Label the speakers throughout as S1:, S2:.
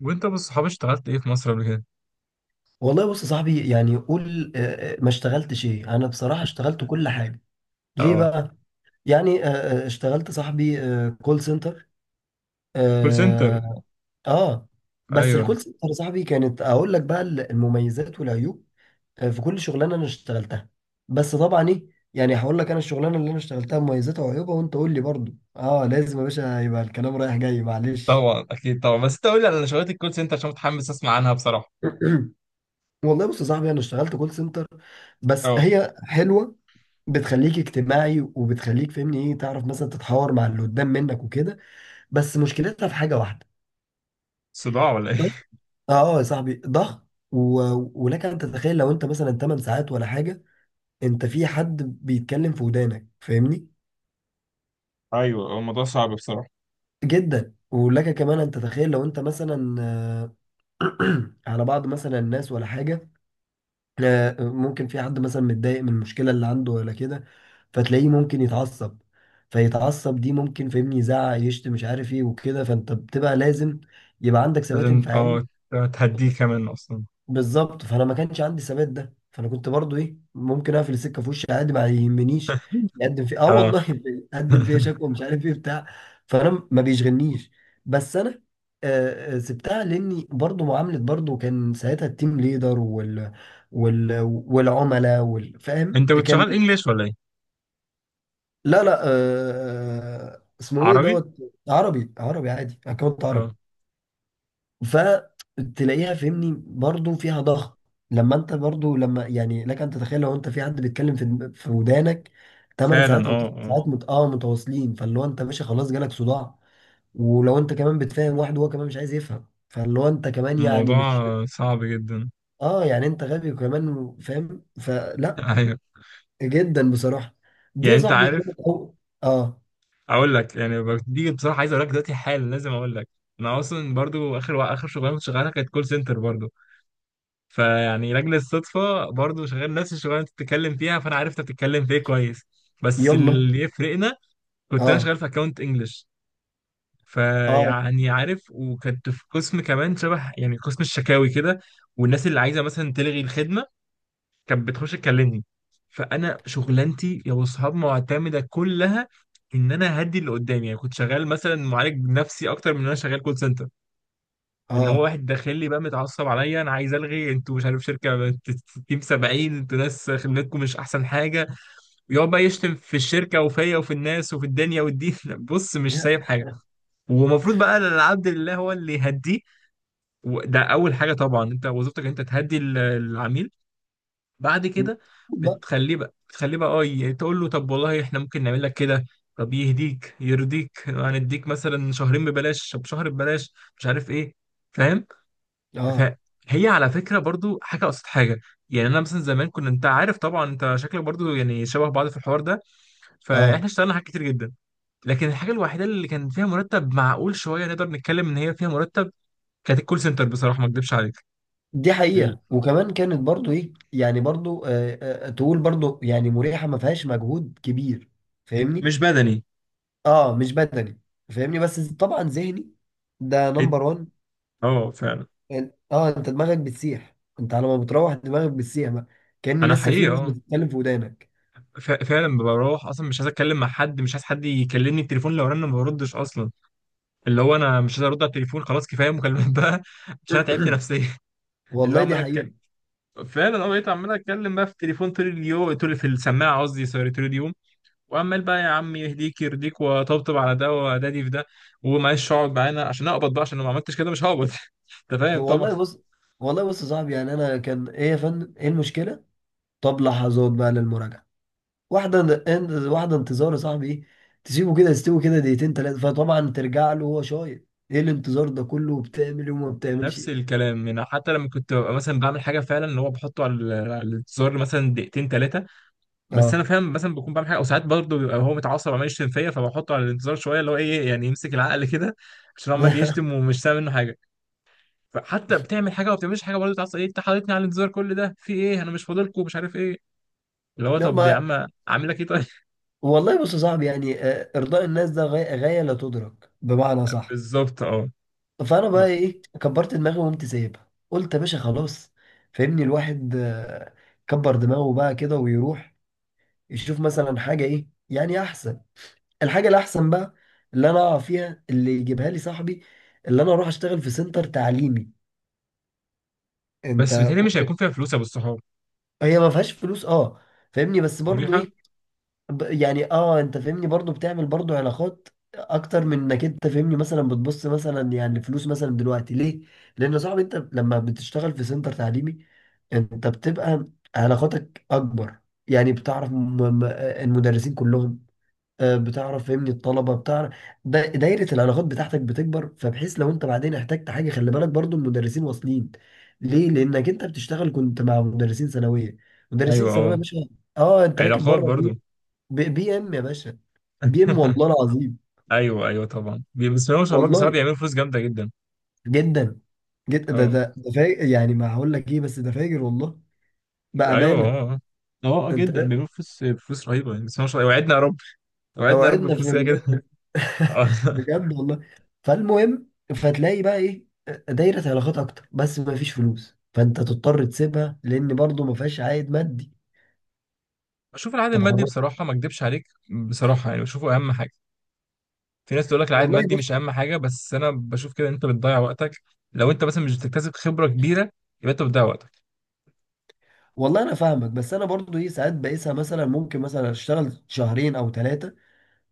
S1: وانت بالصحاب اشتغلت ايه في مصر قبل كده؟
S2: والله بص يا صاحبي يعني قول ما اشتغلتش ايه، انا بصراحة اشتغلت كل حاجة. ليه
S1: اه.
S2: بقى؟ يعني اشتغلت صاحبي كول سنتر.
S1: كول سنتر.
S2: اه. آه. بس
S1: ايوه.
S2: الكول سنتر يا صاحبي كانت اقول لك بقى المميزات والعيوب في كل شغلانة انا اشتغلتها. بس طبعا ايه، يعني هقول لك انا الشغلانة اللي انا اشتغلتها مميزاتها وعيوبها، وانت قول لي برضو. اه، لازم يا باشا يبقى الكلام رايح جاي معلش.
S1: طبعا، اكيد طبعا، بس انت قول لي على شغلات الكول سنتر عشان متحمس اسمع عنها بصراحه.
S2: والله بص يا صاحبي انا اشتغلت كول سنتر، بس
S1: اه.
S2: هي حلوه. بتخليك اجتماعي وبتخليك فاهمني ايه، تعرف مثلا تتحاور مع اللي قدام منك وكده. بس مشكلتها في حاجه واحده:
S1: صداع ولا
S2: ضغط.
S1: ايه؟
S2: اه يا صاحبي، ضغط ولك ان تتخيل لو انت مثلا 8 ساعات ولا حاجه، انت في حد بيتكلم في ودانك فاهمني.
S1: ايوه، هو الموضوع صعب بصراحه.
S2: جدا، ولك كمان ان تتخيل لو انت مثلا على بعض مثلا الناس ولا حاجه، ممكن في حد مثلا متضايق من المشكلة اللي عنده ولا كده، فتلاقيه ممكن يتعصب. فيتعصب دي ممكن فاهمني يزعق يشتم مش عارف ايه وكده، فانت بتبقى لازم يبقى عندك ثبات
S1: لازم.
S2: انفعالي.
S1: اه تهديه كمان اصلا.
S2: بالظبط، فانا ما كانش عندي ثبات ده، فانا كنت برضو ايه ممكن اقفل السكه في وشي عادي ما يهمنيش. يقدم فيه اه
S1: اه.
S2: والله يقدم فيه شكوى مش عارف ايه بتاع، فانا ما بيشغلنيش. بس انا سبتها لاني برضو معامله، برضو كان ساعتها التيم ليدر والعملاء فاهم
S1: انت كنت شغال
S2: كان.
S1: انجليش ولا ايه؟
S2: لا، لا، اسمه ايه
S1: عربي.
S2: دوت. عربي. عربي عادي، اكونت عربي.
S1: اه،
S2: فتلاقيها فهمني برضو فيها ضغط. لما انت برضو لما يعني لك ان تتخيل لو انت في حد بيتكلم في ودانك 8
S1: فعلا.
S2: ساعات او
S1: اه.
S2: 9
S1: اه.
S2: ساعات مت... اه متواصلين، فاللي هو انت ماشي خلاص جالك صداع. ولو انت كمان بتفهم واحد وهو كمان مش عايز يفهم، فاللي هو انت كمان يعني
S1: الموضوع
S2: مش.
S1: صعب جدا.
S2: اه، يعني انت غبي وكمان فاهم، فلا.
S1: ايوه.
S2: جدا بصراحة. دي
S1: يعني
S2: يا
S1: انت
S2: صاحبي
S1: عارف،
S2: كانت اه.
S1: اقول لك، يعني دي بصراحه عايز اقول لك دلوقتي حالا، لازم اقول لك انا اصلا برضو اخر اخر شغلانه كنت شغالها كانت كول سنتر برضو. فيعني لاجل الصدفه برضو شغال نفس الشغلانه اللي انت بتتكلم فيها، فانا عرفت بتتكلم في ايه كويس. بس
S2: يلا.
S1: اللي يفرقنا، كنت انا
S2: اه.
S1: شغال في اكونت انجلش.
S2: اه.
S1: فيعني عارف، وكنت في قسم كمان شبه يعني قسم الشكاوي كده. والناس اللي عايزه مثلا تلغي الخدمه كانت بتخش تكلمني. فانا شغلانتي يا اصحاب معتمده كلها ان انا هدي اللي قدامي، يعني كنت شغال مثلا معالج نفسي اكتر من ان انا شغال كول سنتر. ان هو
S2: اه.
S1: واحد داخل لي بقى متعصب عليا، انا عايز الغي، انتوا مش عارف شركه تيم 70، انتوا ناس خدمتكم مش احسن حاجه. ويقعد بقى يشتم في الشركه وفيا وفي الناس وفي الدنيا والدين. بص، مش سايب حاجه. ومفروض بقى العبد لله هو اللي يهديه. وده اول حاجه طبعا، انت وظيفتك انت تهدي العميل بعد كده.
S2: لا.
S1: بتخليه بقى تقول له طب والله احنا ممكن نعمل لك كده. طب يهديك يرضيك، يعني هنديك مثلا شهرين ببلاش، طب شهر ببلاش، مش عارف ايه. فاهم.
S2: اه.
S1: فهي على فكره برضو حاجه قصاد حاجه. يعني انا مثلا زمان كنا، انت عارف طبعا، انت شكلك برضو يعني شبه بعض في الحوار ده،
S2: اه،
S1: فاحنا اشتغلنا حاجات كتير جدا. لكن الحاجه الوحيده اللي كان فيها مرتب معقول شويه نقدر نتكلم ان هي فيها مرتب، كانت الكول سنتر بصراحه ما اكدبش عليك.
S2: دي
S1: ال-
S2: حقيقة. وكمان كانت برضو ايه يعني برضو تقول برضو يعني مريحة ما فيهاش مجهود كبير فاهمني.
S1: مش بدني.
S2: اه، مش بدني، فاهمني، بس طبعا ذهني. ده
S1: إد-
S2: نمبر وان.
S1: اه، فعلا.
S2: اه، انت دماغك بتسيح، انت على ما بتروح دماغك بتسيح بقى، كأن
S1: انا
S2: لسه في
S1: حقيقي
S2: ناس
S1: اه،
S2: بتتكلم في ودانك.
S1: فعلا بروح اصلا مش عايز اتكلم مع حد، مش عايز حد يكلمني. التليفون لو رن ما بردش اصلا، اللي هو انا مش عايز ارد على التليفون. خلاص، كفايه مكالمات بقى. عشان انا تعبت نفسيا. اللي هو
S2: والله دي
S1: عمال
S2: حقيقة.
S1: أتك- فعلا انا بقيت عمال اتكلم بقى في التليفون طول اليوم، طول في السماعه، قصدي سوري، طول اليوم. وعمال بقى يا عم يهديك يرضيك وطبطب على ده، ودادي في ده. ومعلش اقعد معانا عشان اقبض بقى، عشان لو ما عملتش كده مش هقبض. انت فاهم طبعا.
S2: والله بص والله بص يا صاحبي، يعني انا كان ايه يا فندم ايه المشكلة؟ طب لحظات بقى للمراجعة، واحدة انتظار، يا صاحبي ايه، تسيبه كده يستوي كده دقيقتين تلاتة فطبعا ترجع له وهو شايط: ايه الانتظار ده كله، بتعمل وما بتعملش.
S1: نفس الكلام، يعني حتى لما كنت ببقى مثلا بعمل حاجه فعلا، اللي هو بحطه على على الزر مثلا دقيقتين ثلاثه. بس انا
S2: اه
S1: فاهم مثلا بكون بعمل حاجه، او ساعات برضه بيبقى هو متعصب وعمال يشتم فيا، فبحطه على الانتظار شويه، اللي هو ايه يعني يمسك العقل كده، عشان عمال يشتم ومش سامع منه حاجه. فحتى بتعمل حاجه وما بتعملش حاجه برضه تعصب، ايه انت حاططني على الانتظار كل ده في ايه، انا مش فاضلكم، مش عارف ايه. اللي هو
S2: لا
S1: طب
S2: ما،
S1: يا عم عامل لك ايه طيب.
S2: والله بص يا صاحبي، يعني ارضاء الناس ده غاية، غاية لا تدرك، بمعنى صح.
S1: بالظبط، اه.
S2: فانا بقى
S1: بس
S2: ايه كبرت دماغي وقمت سايبها، قلت يا باشا خلاص. فاهمني الواحد كبر دماغه بقى كده ويروح يشوف مثلا حاجة ايه يعني احسن. الحاجه الاحسن بقى اللي انا اقع فيها اللي يجيبها لي صاحبي، اللي انا اروح اشتغل في سنتر تعليمي.
S1: بس
S2: انت.
S1: بتهيألي مش هيكون فيها فلوس يا ابو الصحاب.
S2: هي ما فيهاش فلوس اه، فاهمني، بس
S1: بس
S2: برضو
S1: مريحه.
S2: ايه. يعني اه انت فاهمني برضو بتعمل برضو علاقات اكتر من انك انت فاهمني مثلا بتبص مثلا يعني فلوس مثلا دلوقتي، ليه؟ لان يا صاحبي انت لما بتشتغل في سنتر تعليمي انت بتبقى علاقاتك اكبر. يعني بتعرف المدرسين كلهم، بتعرف فهمني الطلبه بتعرف. دايره العلاقات بتاعتك بتكبر، فبحيث لو انت بعدين احتجت حاجه خلي بالك برضو المدرسين واصلين. ليه؟ لانك انت بتشتغل كنت مع مدرسين ثانويه. مدرسين
S1: ايوه،
S2: ثانويه يا
S1: اه،
S2: باشا. اه انت راكب
S1: علاقات
S2: بره
S1: برضه.
S2: بي ام يا باشا. بي ام والله العظيم.
S1: ايوه، ايوه، طبعا، بسم الله ما شاء الله، بصراحه
S2: والله
S1: بيعملوا فلوس جامده جدا.
S2: جدا، جدا، ده
S1: اه.
S2: ده ده فاجر، يعني ما هقول لك ايه، بس ده فاجر والله،
S1: ايوه.
S2: بامانه.
S1: اه. اه.
S2: انت
S1: جدا
S2: فاهم؟
S1: بيعملوا فلوس، فلوس رهيبه، يعني بسم الله ما شاء الله، وعدنا يا رب. وعدنا يا رب
S2: اوعدنا
S1: بفلوس،
S2: في
S1: كده كده. آه.
S2: بجد والله. فالمهم، فتلاقي بقى ايه دايرة علاقات اكتر، بس ما فيش فلوس، فانت تضطر تسيبها لان برضو ما فيهاش عائد مادي.
S1: بشوف العائد
S2: طب
S1: المادي
S2: حرام.
S1: بصراحه ما اكدبش عليك، بصراحه يعني بشوفه اهم حاجه. في ناس تقول لك العائد
S2: والله
S1: المادي مش
S2: بص.
S1: اهم حاجه، بس انا بشوف كده إن انت بتضيع وقتك. لو انت مثلا مش بتكتسب خبره كبيره، يبقى انت بتضيع وقتك.
S2: والله انا فاهمك، بس انا برضو ايه ساعات بقيسها، مثلا ممكن مثلا اشتغل شهرين او ثلاثة،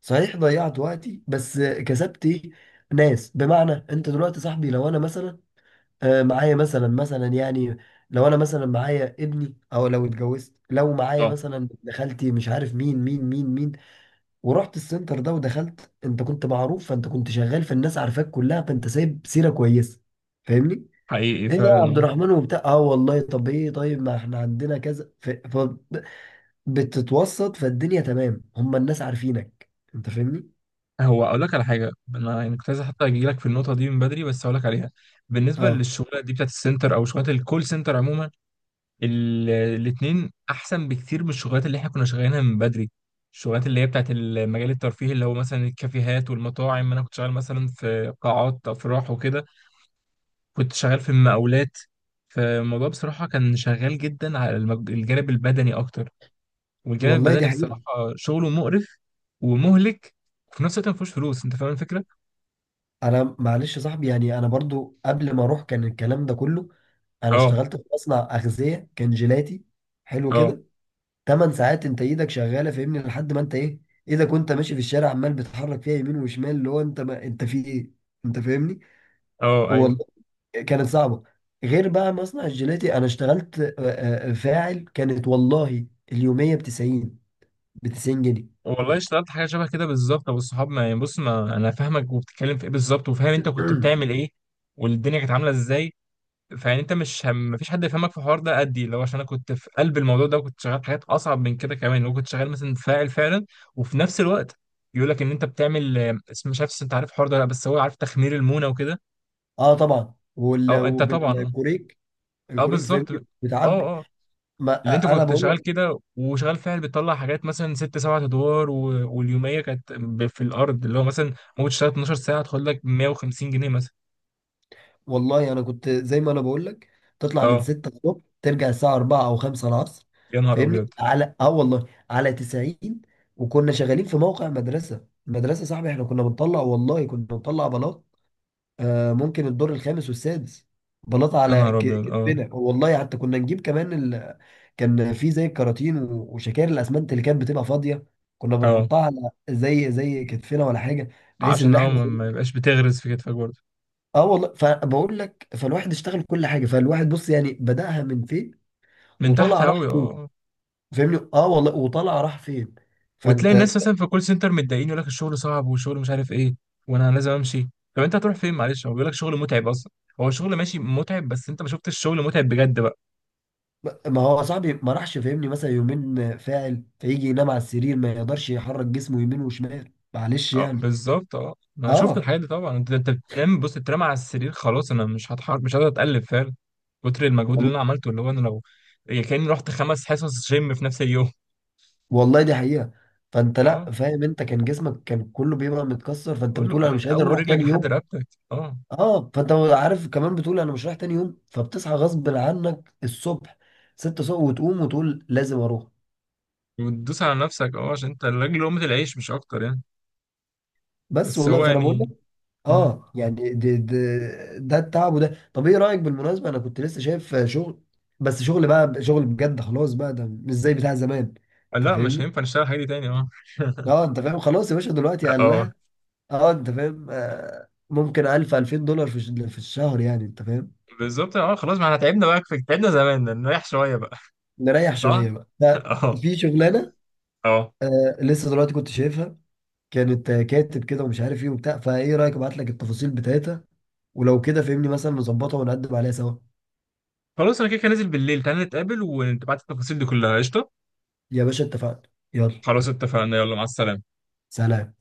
S2: صحيح ضيعت وقتي بس كسبت ايه؟ ناس. بمعنى انت دلوقتي صاحبي لو انا مثلا معايا مثلا يعني، لو انا مثلا معايا ابني او لو اتجوزت لو معايا
S1: اه،
S2: مثلا ابن خالتي مش عارف مين مين مين مين، ورحت السنتر ده ودخلت، انت كنت معروف، فانت كنت شغال فالناس عارفاك كلها، فانت سايب سيره كويسه فاهمني.
S1: حقيقي
S2: ايه ده يا عبد
S1: فعلا.
S2: الرحمن وبتاع، اه والله طب ايه طيب ما احنا عندنا كذا بتتوسط فالدنيا، تمام، هم الناس عارفينك، انت فاهمني.
S1: اه، هو اقول لك على حاجه، انا يعني كنت عايز حتى اجي لك في النقطه دي من بدري، بس اقول لك عليها. بالنسبه
S2: اه،
S1: للشغلات دي بتاعت السنتر او شغلات الكول سنتر عموما، الاثنين احسن بكتير من الشغلات اللي احنا كنا شغالينها من بدري. الشغلات اللي هي بتاعت المجال الترفيهي، اللي هو مثلا الكافيهات والمطاعم، انا كنت شغال مثلا في قاعات افراح وكده، كنت شغال في المقاولات. فالموضوع بصراحة كان شغال جدا على الجانب البدني أكتر. والجانب
S2: والله دي
S1: البدني
S2: حقيقه.
S1: بصراحة شغله مقرف ومهلك، وفي نفس الوقت مفيهوش فلوس. أنت فاهم الفكرة؟
S2: انا معلش يا صاحبي يعني انا برضو قبل ما اروح كان الكلام ده كله. انا
S1: اه.
S2: اشتغلت في مصنع اغذيه كان جيلاتي حلو
S1: اه.
S2: كده. ثمان ساعات انت ايدك شغاله فاهمني لحد ما انت ايه، ايدك وانت ماشي في الشارع عمال بتحرك فيها يمين وشمال، اللي هو انت ما انت في ايه، انت فاهمني.
S1: اه. ايوه.
S2: والله كانت صعبه. غير بقى مصنع الجيلاتي انا اشتغلت فاعل، كانت والله اليوميه ب 90 جنيه.
S1: والله اشتغلت حاجة شبه كده بالظبط أبو الصحاب، ما يعني بص، ما أنا فاهمك وبتتكلم في إيه بالظبط، وفاهم أنت كنت بتعمل إيه والدنيا كانت عاملة إزاي. فيعني انت مش مفيش حد يفهمك في الحوار ده قدي، اللي هو عشان انا كنت في قلب الموضوع ده، وكنت شغال حاجات اصعب من كده كمان، وكنت شغال مثلا فاعل فعلا. وفي نفس الوقت يقول لك ان انت بتعمل، مش عارف، انت عارف الحوار ده ولا لا، بس هو عارف تخمير المونه وكده.
S2: اه طبعا
S1: او انت طبعا، اه.
S2: وبالكوريك.
S1: اه،
S2: الكوريك فاهمني،
S1: بالظبط، اه.
S2: بتعبي.
S1: اه.
S2: ما
S1: اللي انت
S2: انا
S1: كنت
S2: بقول،
S1: شغال كده وشغال فاعل بتطلع حاجات مثلا ست سبعة ادوار و... واليوميه كانت في الارض، اللي هو مثلا ممكن تشتغل 12 ساعه تاخد لك 150 جنيه مثلا.
S2: والله انا كنت زي ما انا بقول لك. تطلع من
S1: اه،
S2: 6 الصبح ترجع الساعه 4 او 5 العصر
S1: يا نهار
S2: فاهمني.
S1: ابيض.
S2: على اه والله على 90. وكنا شغالين في موقع مدرسه، المدرسه صاحبي احنا كنا بنطلع، والله كنا بنطلع بلاط، آه ممكن الدور الخامس والسادس، بلاط
S1: يا
S2: على
S1: نهار ابيض. اه.
S2: كتفنا. والله حتى كنا نجيب كمان كان في زي الكراتين وشكاير الاسمنت اللي كانت بتبقى فاضيه، كنا
S1: اه،
S2: بنحطها على زي زي كتفنا ولا حاجه، بحيث
S1: عشان
S2: ان احنا.
S1: ما يبقاش بتغرز في كتفك برضه.
S2: اه والله فبقول لك فالواحد اشتغل كل حاجه فالواحد بص يعني بدأها من فين
S1: من تحت
S2: وطلع راح
S1: قوي،
S2: فين
S1: اه.
S2: فاهمني اه والله وطلع راح فين
S1: وتلاقي
S2: فانت
S1: الناس مثلا في الكول سنتر متضايقين يقول لك الشغل صعب، والشغل مش عارف ايه، وانا لازم امشي. طب انت هتروح فين معلش؟ هو بيقول لك شغل متعب اصلا. هو شغل ماشي متعب، بس انت ما شفتش الشغل متعب بجد بقى.
S2: ما هو صاحبي ما راحش فاهمني مثلا يومين فاعل فيجي ينام على السرير ما يقدرش يحرك جسمه يمين وشمال معلش
S1: اه،
S2: يعني
S1: بالظبط، اه، انا شفت
S2: اه
S1: الحاجات دي طبعا. انت بتنام، بص، تترمى على السرير. خلاص، انا مش هتحرك، مش قادر اتقلب فعلا. كتر المجهود اللي
S2: وال-
S1: انا عملته، اللي هو انا لو، يعني كاني رحت خمس حصص جيم في نفس اليوم.
S2: والله دي حقيقه. فانت
S1: اه،
S2: لا فاهم انت كان جسمك كان كله بيبقى متكسر فانت
S1: كله
S2: بتقول انا
S1: من
S2: مش قادر
S1: اول
S2: اروح
S1: رجلك
S2: تاني
S1: لحد
S2: يوم.
S1: رقبتك. اه.
S2: اه، فانت عارف كمان بتقول انا مش رايح تاني يوم، فبتصحى غصب عنك الصبح 6 الصبح وتقوم وتقول لازم اروح.
S1: وتدوس على نفسك، اه، عشان انت الراجل، لقمة العيش مش اكتر يعني.
S2: بس
S1: بس
S2: والله
S1: هو
S2: فانا بقول لك،
S1: يعني. مم.
S2: اه يعني ده ده التعب. وده طب ايه رايك بالمناسبه، انا كنت لسه شايف شغل، بس شغل بقى شغل بجد خلاص بقى ده مش زي بتاع زمان،
S1: آه،
S2: انت
S1: لا، مش
S2: فاهمني.
S1: هينفع نشتغل الحاجة دي تاني. اه.
S2: اه انت فاهم خلاص يا باشا دلوقتي قال
S1: اه،
S2: لها. اه انت فاهم آه ممكن 1000 2000 دولار في الشهر يعني انت فاهم.
S1: بالظبط، اه. خلاص، ما احنا تعبنا بقى كفاية، تعبنا زمان، نريح شوية بقى.
S2: نريح
S1: صح؟
S2: شويه بقى ده.
S1: اه.
S2: في شغلانه
S1: اه.
S2: آه لسه دلوقتي كنت شايفها، كانت كاتب كده ومش عارف ايه وبتاع، فايه رايك ابعت لك التفاصيل بتاعتها، ولو كده فهمني مثلا نظبطها ونقدم عليها سوا.
S1: خلاص انا كده كده نازل بالليل، تعالى نتقابل وتبعت التفاصيل دي كلها قشطة.
S2: يا باشا اتفقنا. يلا.
S1: خلاص اتفقنا، يلا مع السلامة.
S2: سلام.